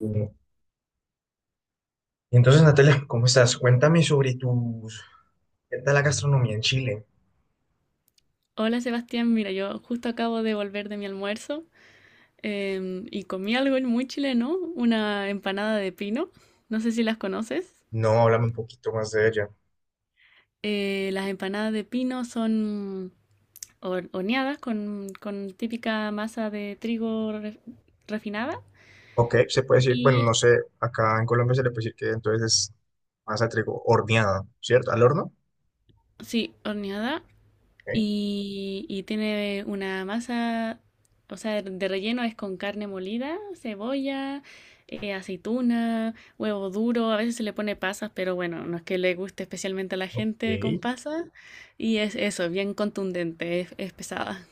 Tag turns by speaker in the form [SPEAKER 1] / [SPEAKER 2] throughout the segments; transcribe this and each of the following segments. [SPEAKER 1] Y entonces, Natalia, ¿cómo estás? Cuéntame sobre tus... ¿Qué tal la gastronomía en Chile?
[SPEAKER 2] Hola Sebastián, mira, yo justo acabo de volver de mi almuerzo y comí algo muy chileno, una empanada de pino. No sé si las conoces.
[SPEAKER 1] No, háblame un poquito más de ella.
[SPEAKER 2] Las empanadas de pino son horneadas con típica masa de trigo refinada.
[SPEAKER 1] Ok, se puede decir, bueno,
[SPEAKER 2] Y
[SPEAKER 1] no sé, acá en Colombia se le puede decir que entonces es masa de trigo horneada, ¿cierto? ¿Al horno?
[SPEAKER 2] sí, horneada.
[SPEAKER 1] Ok,
[SPEAKER 2] Y tiene una masa, o sea, de relleno es con carne molida, cebolla, aceituna, huevo duro, a veces se le pone pasas, pero bueno, no es que le guste especialmente a la
[SPEAKER 1] ok,
[SPEAKER 2] gente con pasas. Y es eso, bien contundente, es pesada.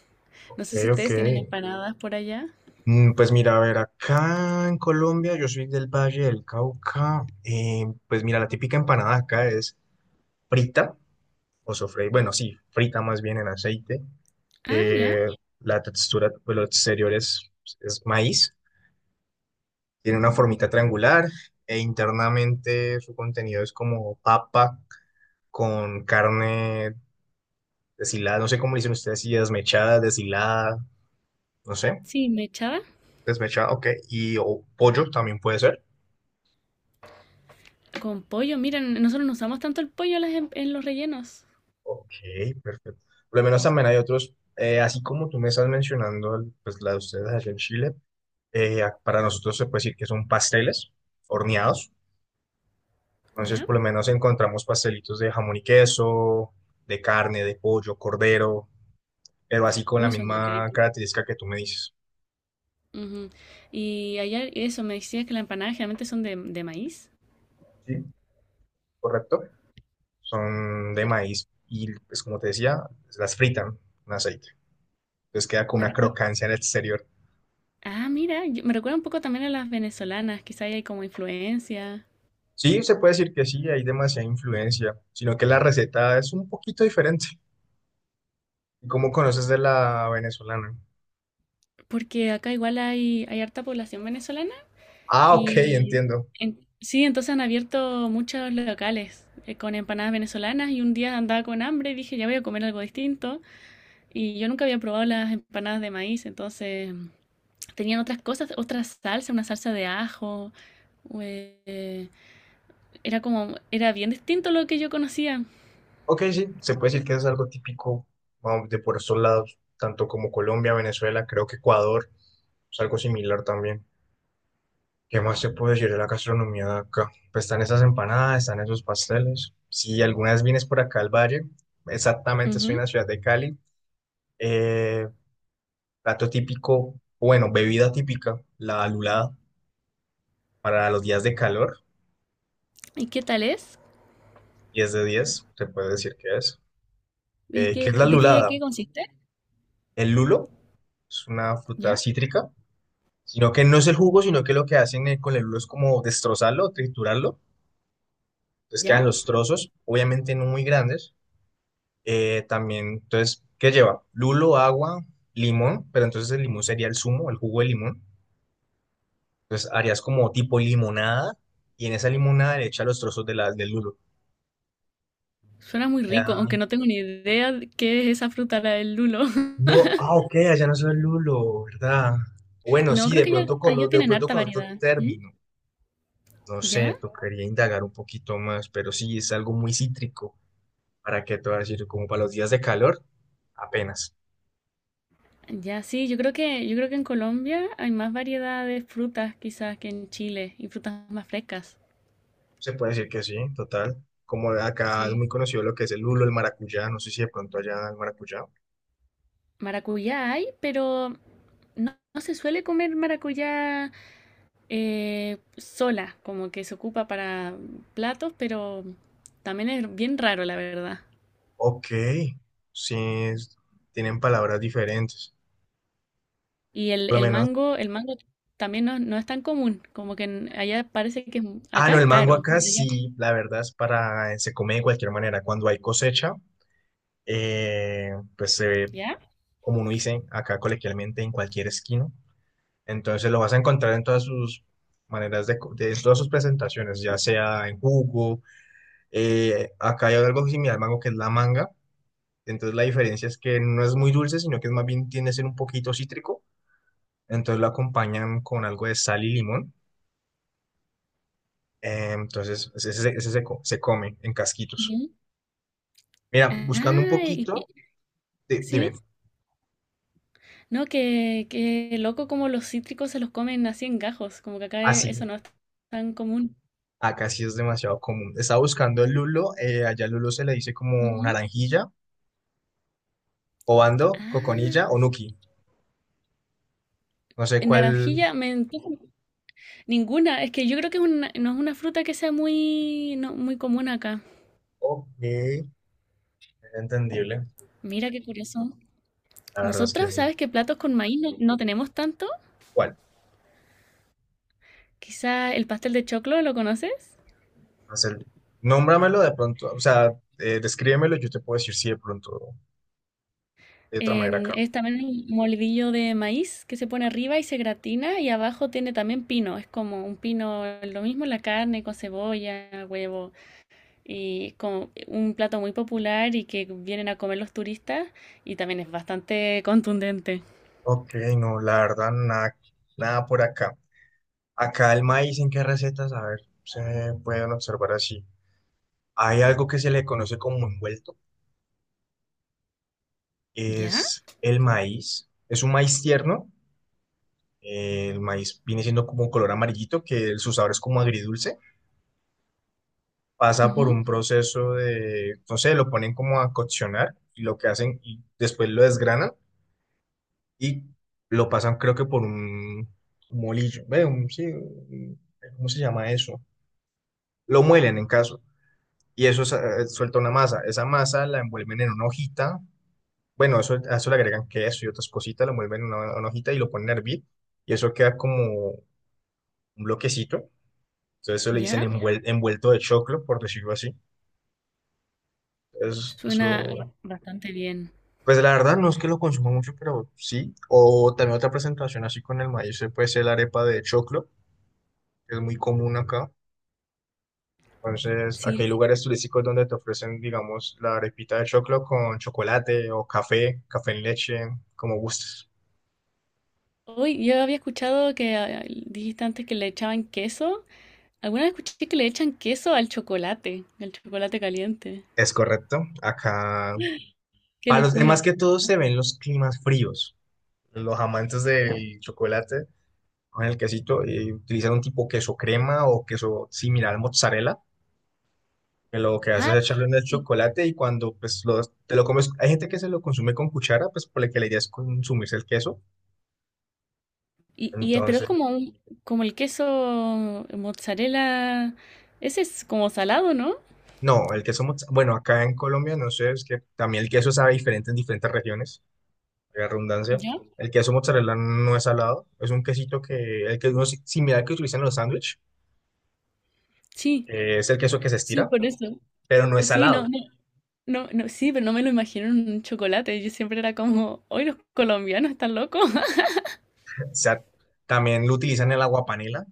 [SPEAKER 2] No sé si
[SPEAKER 1] ok.
[SPEAKER 2] ustedes tienen empanadas por allá.
[SPEAKER 1] Pues mira, a ver, acá en Colombia, yo soy del Valle del Cauca, pues mira, la típica empanada acá es frita, o sofrey, bueno, sí, frita más bien en aceite.
[SPEAKER 2] Ah, ya,
[SPEAKER 1] Eh, la textura, pues lo exterior es maíz, tiene una formita triangular e internamente su contenido es como papa con carne deshilada, no sé cómo le dicen ustedes, si desmechada, deshilada, no sé,
[SPEAKER 2] sí, me echaba
[SPEAKER 1] desmechada, ok, y o pollo también puede ser.
[SPEAKER 2] con pollo. Miren, nosotros no usamos tanto el pollo en, en los rellenos.
[SPEAKER 1] Ok, perfecto. Por lo menos también hay otros, así como tú me estás mencionando, pues la de ustedes allá en Chile, para nosotros se puede decir que son pasteles horneados. Entonces,
[SPEAKER 2] ¿Ya?
[SPEAKER 1] por lo menos encontramos pastelitos de jamón y queso, de carne, de pollo, cordero, pero así con la
[SPEAKER 2] Uy, son
[SPEAKER 1] misma
[SPEAKER 2] ricos.
[SPEAKER 1] característica que tú me dices.
[SPEAKER 2] Ujú. Y allá eso, me decías que las empanadas generalmente son de maíz.
[SPEAKER 1] Sí, correcto. Son de
[SPEAKER 2] Sí.
[SPEAKER 1] maíz y, pues como te decía, las fritan en aceite. Entonces queda con
[SPEAKER 2] Me
[SPEAKER 1] una
[SPEAKER 2] recuerda.
[SPEAKER 1] crocancia en el exterior.
[SPEAKER 2] Ah, mira, me recuerda un poco también a las venezolanas, quizá ahí hay como influencia.
[SPEAKER 1] Sí, se puede decir que sí, hay demasiada influencia, sino que la receta es un poquito diferente. ¿Cómo conoces de la venezolana?
[SPEAKER 2] Porque acá igual hay, hay harta población venezolana
[SPEAKER 1] Ah, ok,
[SPEAKER 2] y
[SPEAKER 1] entiendo.
[SPEAKER 2] sí, entonces han abierto muchos locales con empanadas venezolanas y un día andaba con hambre y dije, ya voy a comer algo distinto. Y yo nunca había probado las empanadas de maíz, entonces tenían otras cosas, otra salsa, una salsa de ajo. Era bien distinto a lo que yo conocía.
[SPEAKER 1] Ok, sí, se puede decir que es algo típico vamos, de por estos lados, tanto como Colombia, Venezuela, creo que Ecuador, es algo similar también. ¿Qué más se puede decir de la gastronomía de acá? Pues están esas empanadas, están esos pasteles. Si alguna vez vienes por acá al valle, exactamente estoy en
[SPEAKER 2] Ujú.
[SPEAKER 1] la ciudad de Cali, eh, plato típico, bueno, bebida típica, la lulada para los días de calor,
[SPEAKER 2] ¿Y qué tal es?
[SPEAKER 1] 10 de 10 se puede decir que es.
[SPEAKER 2] ¿Y
[SPEAKER 1] ¿Qué es
[SPEAKER 2] qué,
[SPEAKER 1] la
[SPEAKER 2] de qué,
[SPEAKER 1] lulada?
[SPEAKER 2] qué consiste?
[SPEAKER 1] El lulo es una fruta
[SPEAKER 2] ¿Ya?
[SPEAKER 1] cítrica, sino que no es el jugo, sino que lo que hacen con el lulo es como destrozarlo, triturarlo, entonces
[SPEAKER 2] ¿Ya?
[SPEAKER 1] quedan los trozos, obviamente no muy grandes. También, entonces, ¿qué lleva? Lulo, agua, limón, pero entonces el limón sería el zumo, el jugo de limón. Entonces harías como tipo limonada y en esa limonada le echas los trozos de del lulo.
[SPEAKER 2] Suena muy rico, aunque
[SPEAKER 1] Ya.
[SPEAKER 2] no tengo ni idea de qué es esa fruta, la del lulo.
[SPEAKER 1] No, ah, ok, allá no soy lulo, ¿verdad? Bueno,
[SPEAKER 2] No,
[SPEAKER 1] sí,
[SPEAKER 2] creo
[SPEAKER 1] de
[SPEAKER 2] que ya,
[SPEAKER 1] pronto con,
[SPEAKER 2] allá
[SPEAKER 1] de
[SPEAKER 2] tienen
[SPEAKER 1] pronto
[SPEAKER 2] harta
[SPEAKER 1] con otro
[SPEAKER 2] variedad. ¿Mm?
[SPEAKER 1] término. No sé,
[SPEAKER 2] ¿Ya?
[SPEAKER 1] tocaría indagar un poquito más, pero sí, es algo muy cítrico. ¿Para qué te voy a decir? Como para los días de calor, apenas.
[SPEAKER 2] Ya, sí, yo creo que en Colombia hay más variedad de frutas quizás que en Chile y frutas más frescas.
[SPEAKER 1] Se puede decir que sí, total. Como acá es
[SPEAKER 2] Sí.
[SPEAKER 1] muy conocido lo que es el lulo, el maracuyá, no sé si de pronto allá el maracuyá.
[SPEAKER 2] Maracuyá hay, pero no, no se suele comer maracuyá sola, como que se ocupa para platos, pero también es bien raro, la verdad.
[SPEAKER 1] Ok, sí, es- tienen palabras diferentes.
[SPEAKER 2] Y
[SPEAKER 1] Por lo menos.
[SPEAKER 2] el mango también no, no es tan común, como que allá parece que es,
[SPEAKER 1] Ah,
[SPEAKER 2] acá
[SPEAKER 1] no,
[SPEAKER 2] es
[SPEAKER 1] el mango
[SPEAKER 2] caro, ¿no?
[SPEAKER 1] acá
[SPEAKER 2] Allá-
[SPEAKER 1] sí, la verdad es para, se come de cualquier manera. Cuando hay cosecha, pues se ve,
[SPEAKER 2] ¿ya?
[SPEAKER 1] como uno dice acá coloquialmente, en cualquier esquina. Entonces lo vas a encontrar en todas sus maneras de, de todas sus presentaciones, ya sea en jugo. Acá hay algo similar al mango que es la manga. Entonces la diferencia es que no es muy dulce, sino que es más bien tiende a ser un poquito cítrico. Entonces lo acompañan con algo de sal y limón. Entonces ese se come en casquitos.
[SPEAKER 2] Ujú.
[SPEAKER 1] Mira, buscando un
[SPEAKER 2] Ah,
[SPEAKER 1] poquito, dime,
[SPEAKER 2] sí, no, que loco como los cítricos se los comen así en gajos, como que acá eso
[SPEAKER 1] así.
[SPEAKER 2] no es tan común.
[SPEAKER 1] Acá sí es demasiado común. Estaba buscando el lulo, allá el lulo se le dice como
[SPEAKER 2] Ujú.
[SPEAKER 1] naranjilla, obando,
[SPEAKER 2] Ah,
[SPEAKER 1] coconilla o nuki. No sé
[SPEAKER 2] en
[SPEAKER 1] cuál.
[SPEAKER 2] naranjilla me Ninguna, es que yo creo que es no es una fruta que sea muy, no, muy común acá.
[SPEAKER 1] Ok, es entendible.
[SPEAKER 2] Mira qué curioso.
[SPEAKER 1] La verdad es que
[SPEAKER 2] Nosotros,
[SPEAKER 1] sí.
[SPEAKER 2] ¿sabes qué platos con maíz no, no tenemos tanto?
[SPEAKER 1] ¿Cuál?
[SPEAKER 2] Quizá el pastel de choclo, ¿lo conoces?
[SPEAKER 1] Haz el. Nómbramelo de pronto, o sea, descríbemelo, yo te puedo decir si de pronto de otra manera acá.
[SPEAKER 2] Es también un molidillo de maíz que se pone arriba y se gratina y abajo tiene también pino. Es como un pino, lo mismo la carne con cebolla, huevo y como un plato muy popular y que vienen a comer los turistas y también es bastante contundente.
[SPEAKER 1] Ok, no, la verdad, nada, nada por acá. Acá el maíz, ¿en qué recetas? A ver, se pueden observar así. Hay algo que se le conoce como envuelto.
[SPEAKER 2] ¿Ya?
[SPEAKER 1] Es el maíz. Es un maíz tierno. El maíz viene siendo como un color amarillito, que su sabor es como agridulce. Pasa por
[SPEAKER 2] Ujú.
[SPEAKER 1] un proceso de, no sé, lo ponen como a coccionar y lo que hacen y después lo desgranan y lo pasan creo que por un molillo. Ve, sí, ¿cómo se llama eso? Lo muelen en caso. Y eso suelta una masa. Esa masa la envuelven en una hojita. Bueno, eso, a eso le agregan queso y otras cositas, lo mueven en una hojita y lo ponen a hervir. Y eso queda como un bloquecito. Entonces eso le dicen
[SPEAKER 2] ¿Ya?
[SPEAKER 1] envuelto de choclo, por decirlo así.
[SPEAKER 2] Suena
[SPEAKER 1] Eso,
[SPEAKER 2] bastante bien.
[SPEAKER 1] pues la verdad no es que lo consuma mucho, pero sí. O también otra presentación así con el maíz, puede ser la arepa de choclo, que es muy común acá. Entonces, aquí hay
[SPEAKER 2] Sí,
[SPEAKER 1] lugares turísticos donde te ofrecen, digamos, la arepita de choclo con chocolate o café, café en leche, como gustes.
[SPEAKER 2] hoy yo había escuchado que ah, dijiste antes que le echaban queso. Alguna vez escuché que le echan queso al chocolate caliente.
[SPEAKER 1] Es correcto. Acá
[SPEAKER 2] Qué
[SPEAKER 1] para los demás
[SPEAKER 2] locura.
[SPEAKER 1] que todos se ven los climas fríos, los amantes del chocolate con el quesito y utilizan un tipo queso crema o queso similar al mozzarella, que lo que hace
[SPEAKER 2] Ah,
[SPEAKER 1] es echarle en el
[SPEAKER 2] y,
[SPEAKER 1] chocolate y cuando pues te lo comes, hay gente que se lo consume con cuchara, pues por la que la idea es consumirse el queso.
[SPEAKER 2] y pero es
[SPEAKER 1] Entonces,
[SPEAKER 2] como un, como el queso mozzarella. Ese es como salado, ¿no?
[SPEAKER 1] no, el queso, bueno, acá en Colombia, no sé, es que también el queso sabe diferente en diferentes regiones, la redundancia.
[SPEAKER 2] ¿Ya?
[SPEAKER 1] El queso mozzarella no es salado, es un quesito que, el que es similar al que utilizan en los sándwiches.
[SPEAKER 2] Sí,
[SPEAKER 1] Es el queso que se
[SPEAKER 2] sí,
[SPEAKER 1] estira,
[SPEAKER 2] por eso.
[SPEAKER 1] pero no es
[SPEAKER 2] Sí,
[SPEAKER 1] salado.
[SPEAKER 2] no, sí, pero no me lo imagino en un chocolate. Yo siempre era como, hoy los colombianos están locos.
[SPEAKER 1] O sea, también lo utilizan el agua panela.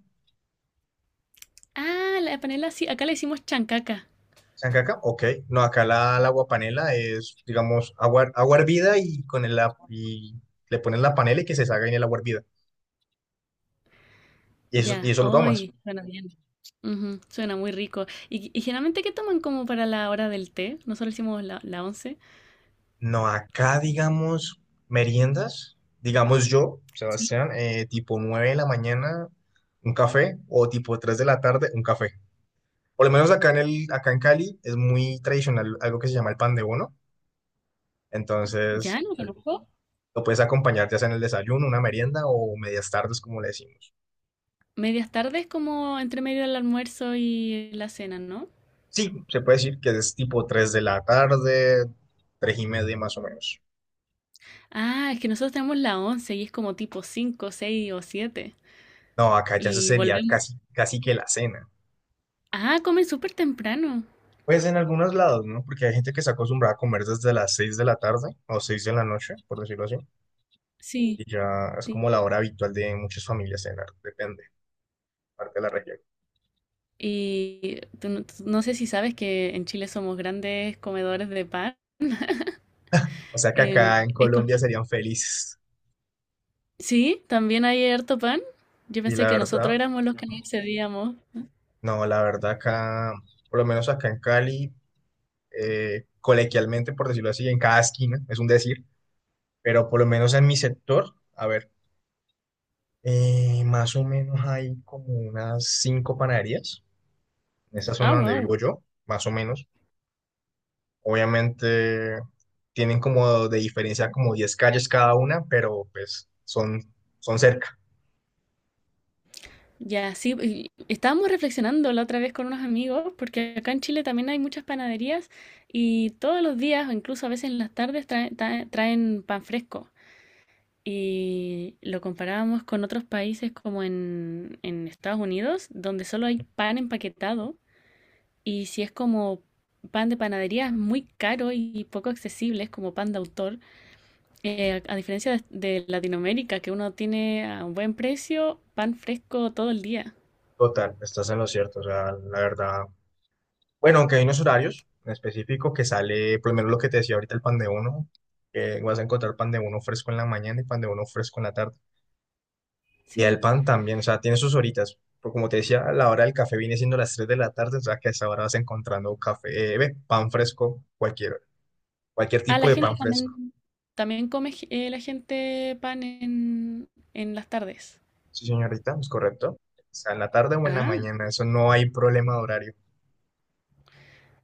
[SPEAKER 2] Ah, la panela sí, acá le decimos chancaca.
[SPEAKER 1] ¿Saben que acá? Ok. No, acá la agua panela es, digamos, agua hervida y, con el, y le ponen la panela y que se salga en el agua hervida. Y eso, y
[SPEAKER 2] Ya,
[SPEAKER 1] eso lo tomas.
[SPEAKER 2] hoy suena bien. Ujú, suena muy rico. Y generalmente qué toman como para la hora del té? Nosotros hicimos la once.
[SPEAKER 1] No, acá, digamos, meriendas, digamos yo,
[SPEAKER 2] Sí.
[SPEAKER 1] Sebastián, tipo 9 de la mañana, un café, o tipo 3 de la tarde, un café. Por lo menos acá en Cali es muy tradicional algo que se llama el pan de bono. Entonces,
[SPEAKER 2] Ya, no conozco.
[SPEAKER 1] lo puedes acompañar ya sea en el desayuno, una merienda o medias tardes, como le decimos.
[SPEAKER 2] ¿Medias tardes como entre medio del almuerzo y la cena, no?
[SPEAKER 1] Sí, se puede decir que es tipo 3 de la tarde, 3 y media más o menos.
[SPEAKER 2] Ah, es que nosotros tenemos la once y es como tipo 5, 6 o siete.
[SPEAKER 1] No, acá ya se
[SPEAKER 2] Y
[SPEAKER 1] sería
[SPEAKER 2] volvemos.
[SPEAKER 1] casi, casi que la cena.
[SPEAKER 2] Ah, comen súper temprano.
[SPEAKER 1] Pues en algunos lados, ¿no? Porque hay gente que se acostumbra a comer desde las 6 de la tarde o 6 de la noche, por decirlo así.
[SPEAKER 2] Sí.
[SPEAKER 1] Y ya es
[SPEAKER 2] Sí.
[SPEAKER 1] como la hora habitual de muchas familias cenar, depende, parte de la región.
[SPEAKER 2] Tú no sé si sabes que en Chile somos grandes comedores de pan.
[SPEAKER 1] O sea que
[SPEAKER 2] En
[SPEAKER 1] acá en
[SPEAKER 2] Esco-
[SPEAKER 1] Colombia serían felices.
[SPEAKER 2] Sí, también hay harto pan. Yo
[SPEAKER 1] Y
[SPEAKER 2] pensé
[SPEAKER 1] la
[SPEAKER 2] que
[SPEAKER 1] verdad,
[SPEAKER 2] nosotros éramos los que no accedíamos.
[SPEAKER 1] no, la verdad acá, por lo menos acá en Cali, colequialmente, por decirlo así, en cada esquina, es un decir, pero por lo menos en mi sector, a ver, más o menos hay como unas cinco panaderías en esa
[SPEAKER 2] Ah,
[SPEAKER 1] zona donde
[SPEAKER 2] wow.
[SPEAKER 1] vivo yo, más o menos. Obviamente tienen como de diferencia como 10 calles cada una, pero pues son, cerca.
[SPEAKER 2] Ya, sí, y estábamos reflexionando la otra vez con unos amigos, porque acá en Chile también hay muchas panaderías y todos los días, o incluso a veces en las tardes, traen pan fresco. Y lo comparábamos con otros países como en Estados Unidos, donde solo hay pan empaquetado y si es como pan de panadería es muy caro y poco accesible, es como pan de autor. A diferencia de Latinoamérica, que uno tiene a un buen precio pan fresco todo el día.
[SPEAKER 1] Total, estás en lo cierto, o sea, la verdad. Bueno, aunque hay unos horarios en específico que sale, por lo menos lo que te decía ahorita, el pan de uno, que vas a encontrar pan de uno fresco en la mañana y pan de uno fresco en la tarde. Y el
[SPEAKER 2] Sí.
[SPEAKER 1] pan también, o sea, tiene sus horitas. Pero como te decía, la hora del café viene siendo las 3 de la tarde, o sea que a esa hora vas encontrando café, pan fresco, cualquier
[SPEAKER 2] Ah,
[SPEAKER 1] tipo
[SPEAKER 2] la
[SPEAKER 1] de
[SPEAKER 2] gente
[SPEAKER 1] pan fresco.
[SPEAKER 2] también, también come la gente pan en las tardes.
[SPEAKER 1] Sí, señorita, es correcto. O sea, en la tarde o en la
[SPEAKER 2] Ah,
[SPEAKER 1] mañana, eso no hay problema de horario.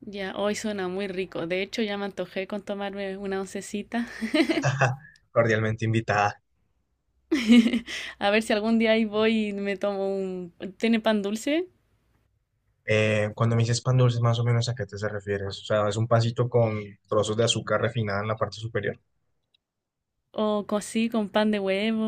[SPEAKER 2] ya, hoy suena muy rico. De hecho, ya me antojé con tomarme una oncecita.
[SPEAKER 1] Cordialmente invitada.
[SPEAKER 2] A ver si algún día ahí voy y me tomo un... ¿Tiene pan dulce?
[SPEAKER 1] Cuando me dices pan dulce, más o menos a qué te se refieres. O sea, es un pancito con trozos de azúcar refinada en la parte superior.
[SPEAKER 2] ¿O co- así con pan de huevo?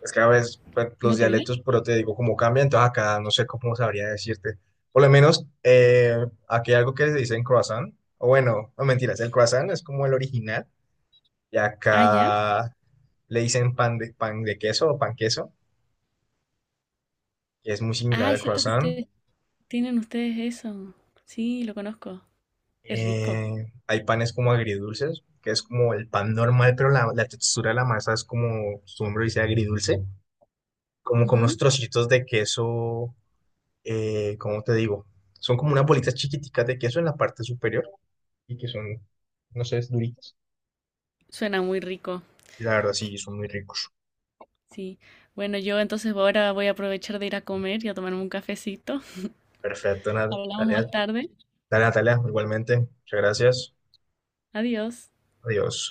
[SPEAKER 1] Es que a veces pues, los
[SPEAKER 2] ¿No tiene?
[SPEAKER 1] dialectos, pero te digo, como cambian, entonces acá no sé cómo sabría decirte. Por lo menos, aquí hay algo que se dice en croissant, o bueno, no mentiras, el croissant es como el original, y
[SPEAKER 2] Ah, ya.
[SPEAKER 1] acá le dicen pan de queso o pan queso, que es muy similar
[SPEAKER 2] Ah, es
[SPEAKER 1] al
[SPEAKER 2] cierto que
[SPEAKER 1] croissant.
[SPEAKER 2] ustedes tienen ustedes eso. Sí, lo conozco. Es rico.
[SPEAKER 1] Hay panes como agridulces, que es como el pan normal, pero la textura de la masa es como, su nombre dice agridulce, como con unos
[SPEAKER 2] Ujú.
[SPEAKER 1] trocitos de queso. ¿Cómo te digo? Son como unas bolitas chiquiticas de queso en la parte superior y que son, no sé, es duritas.
[SPEAKER 2] Suena muy rico.
[SPEAKER 1] Y la verdad, sí, son muy ricos.
[SPEAKER 2] Sí. Bueno, yo entonces ahora voy a aprovechar de ir a comer y a tomarme un cafecito.
[SPEAKER 1] Perfecto,
[SPEAKER 2] Hablamos
[SPEAKER 1] Natalia.
[SPEAKER 2] más tarde.
[SPEAKER 1] Dale, Natalia, igualmente. Muchas gracias.
[SPEAKER 2] Adiós.
[SPEAKER 1] Adiós.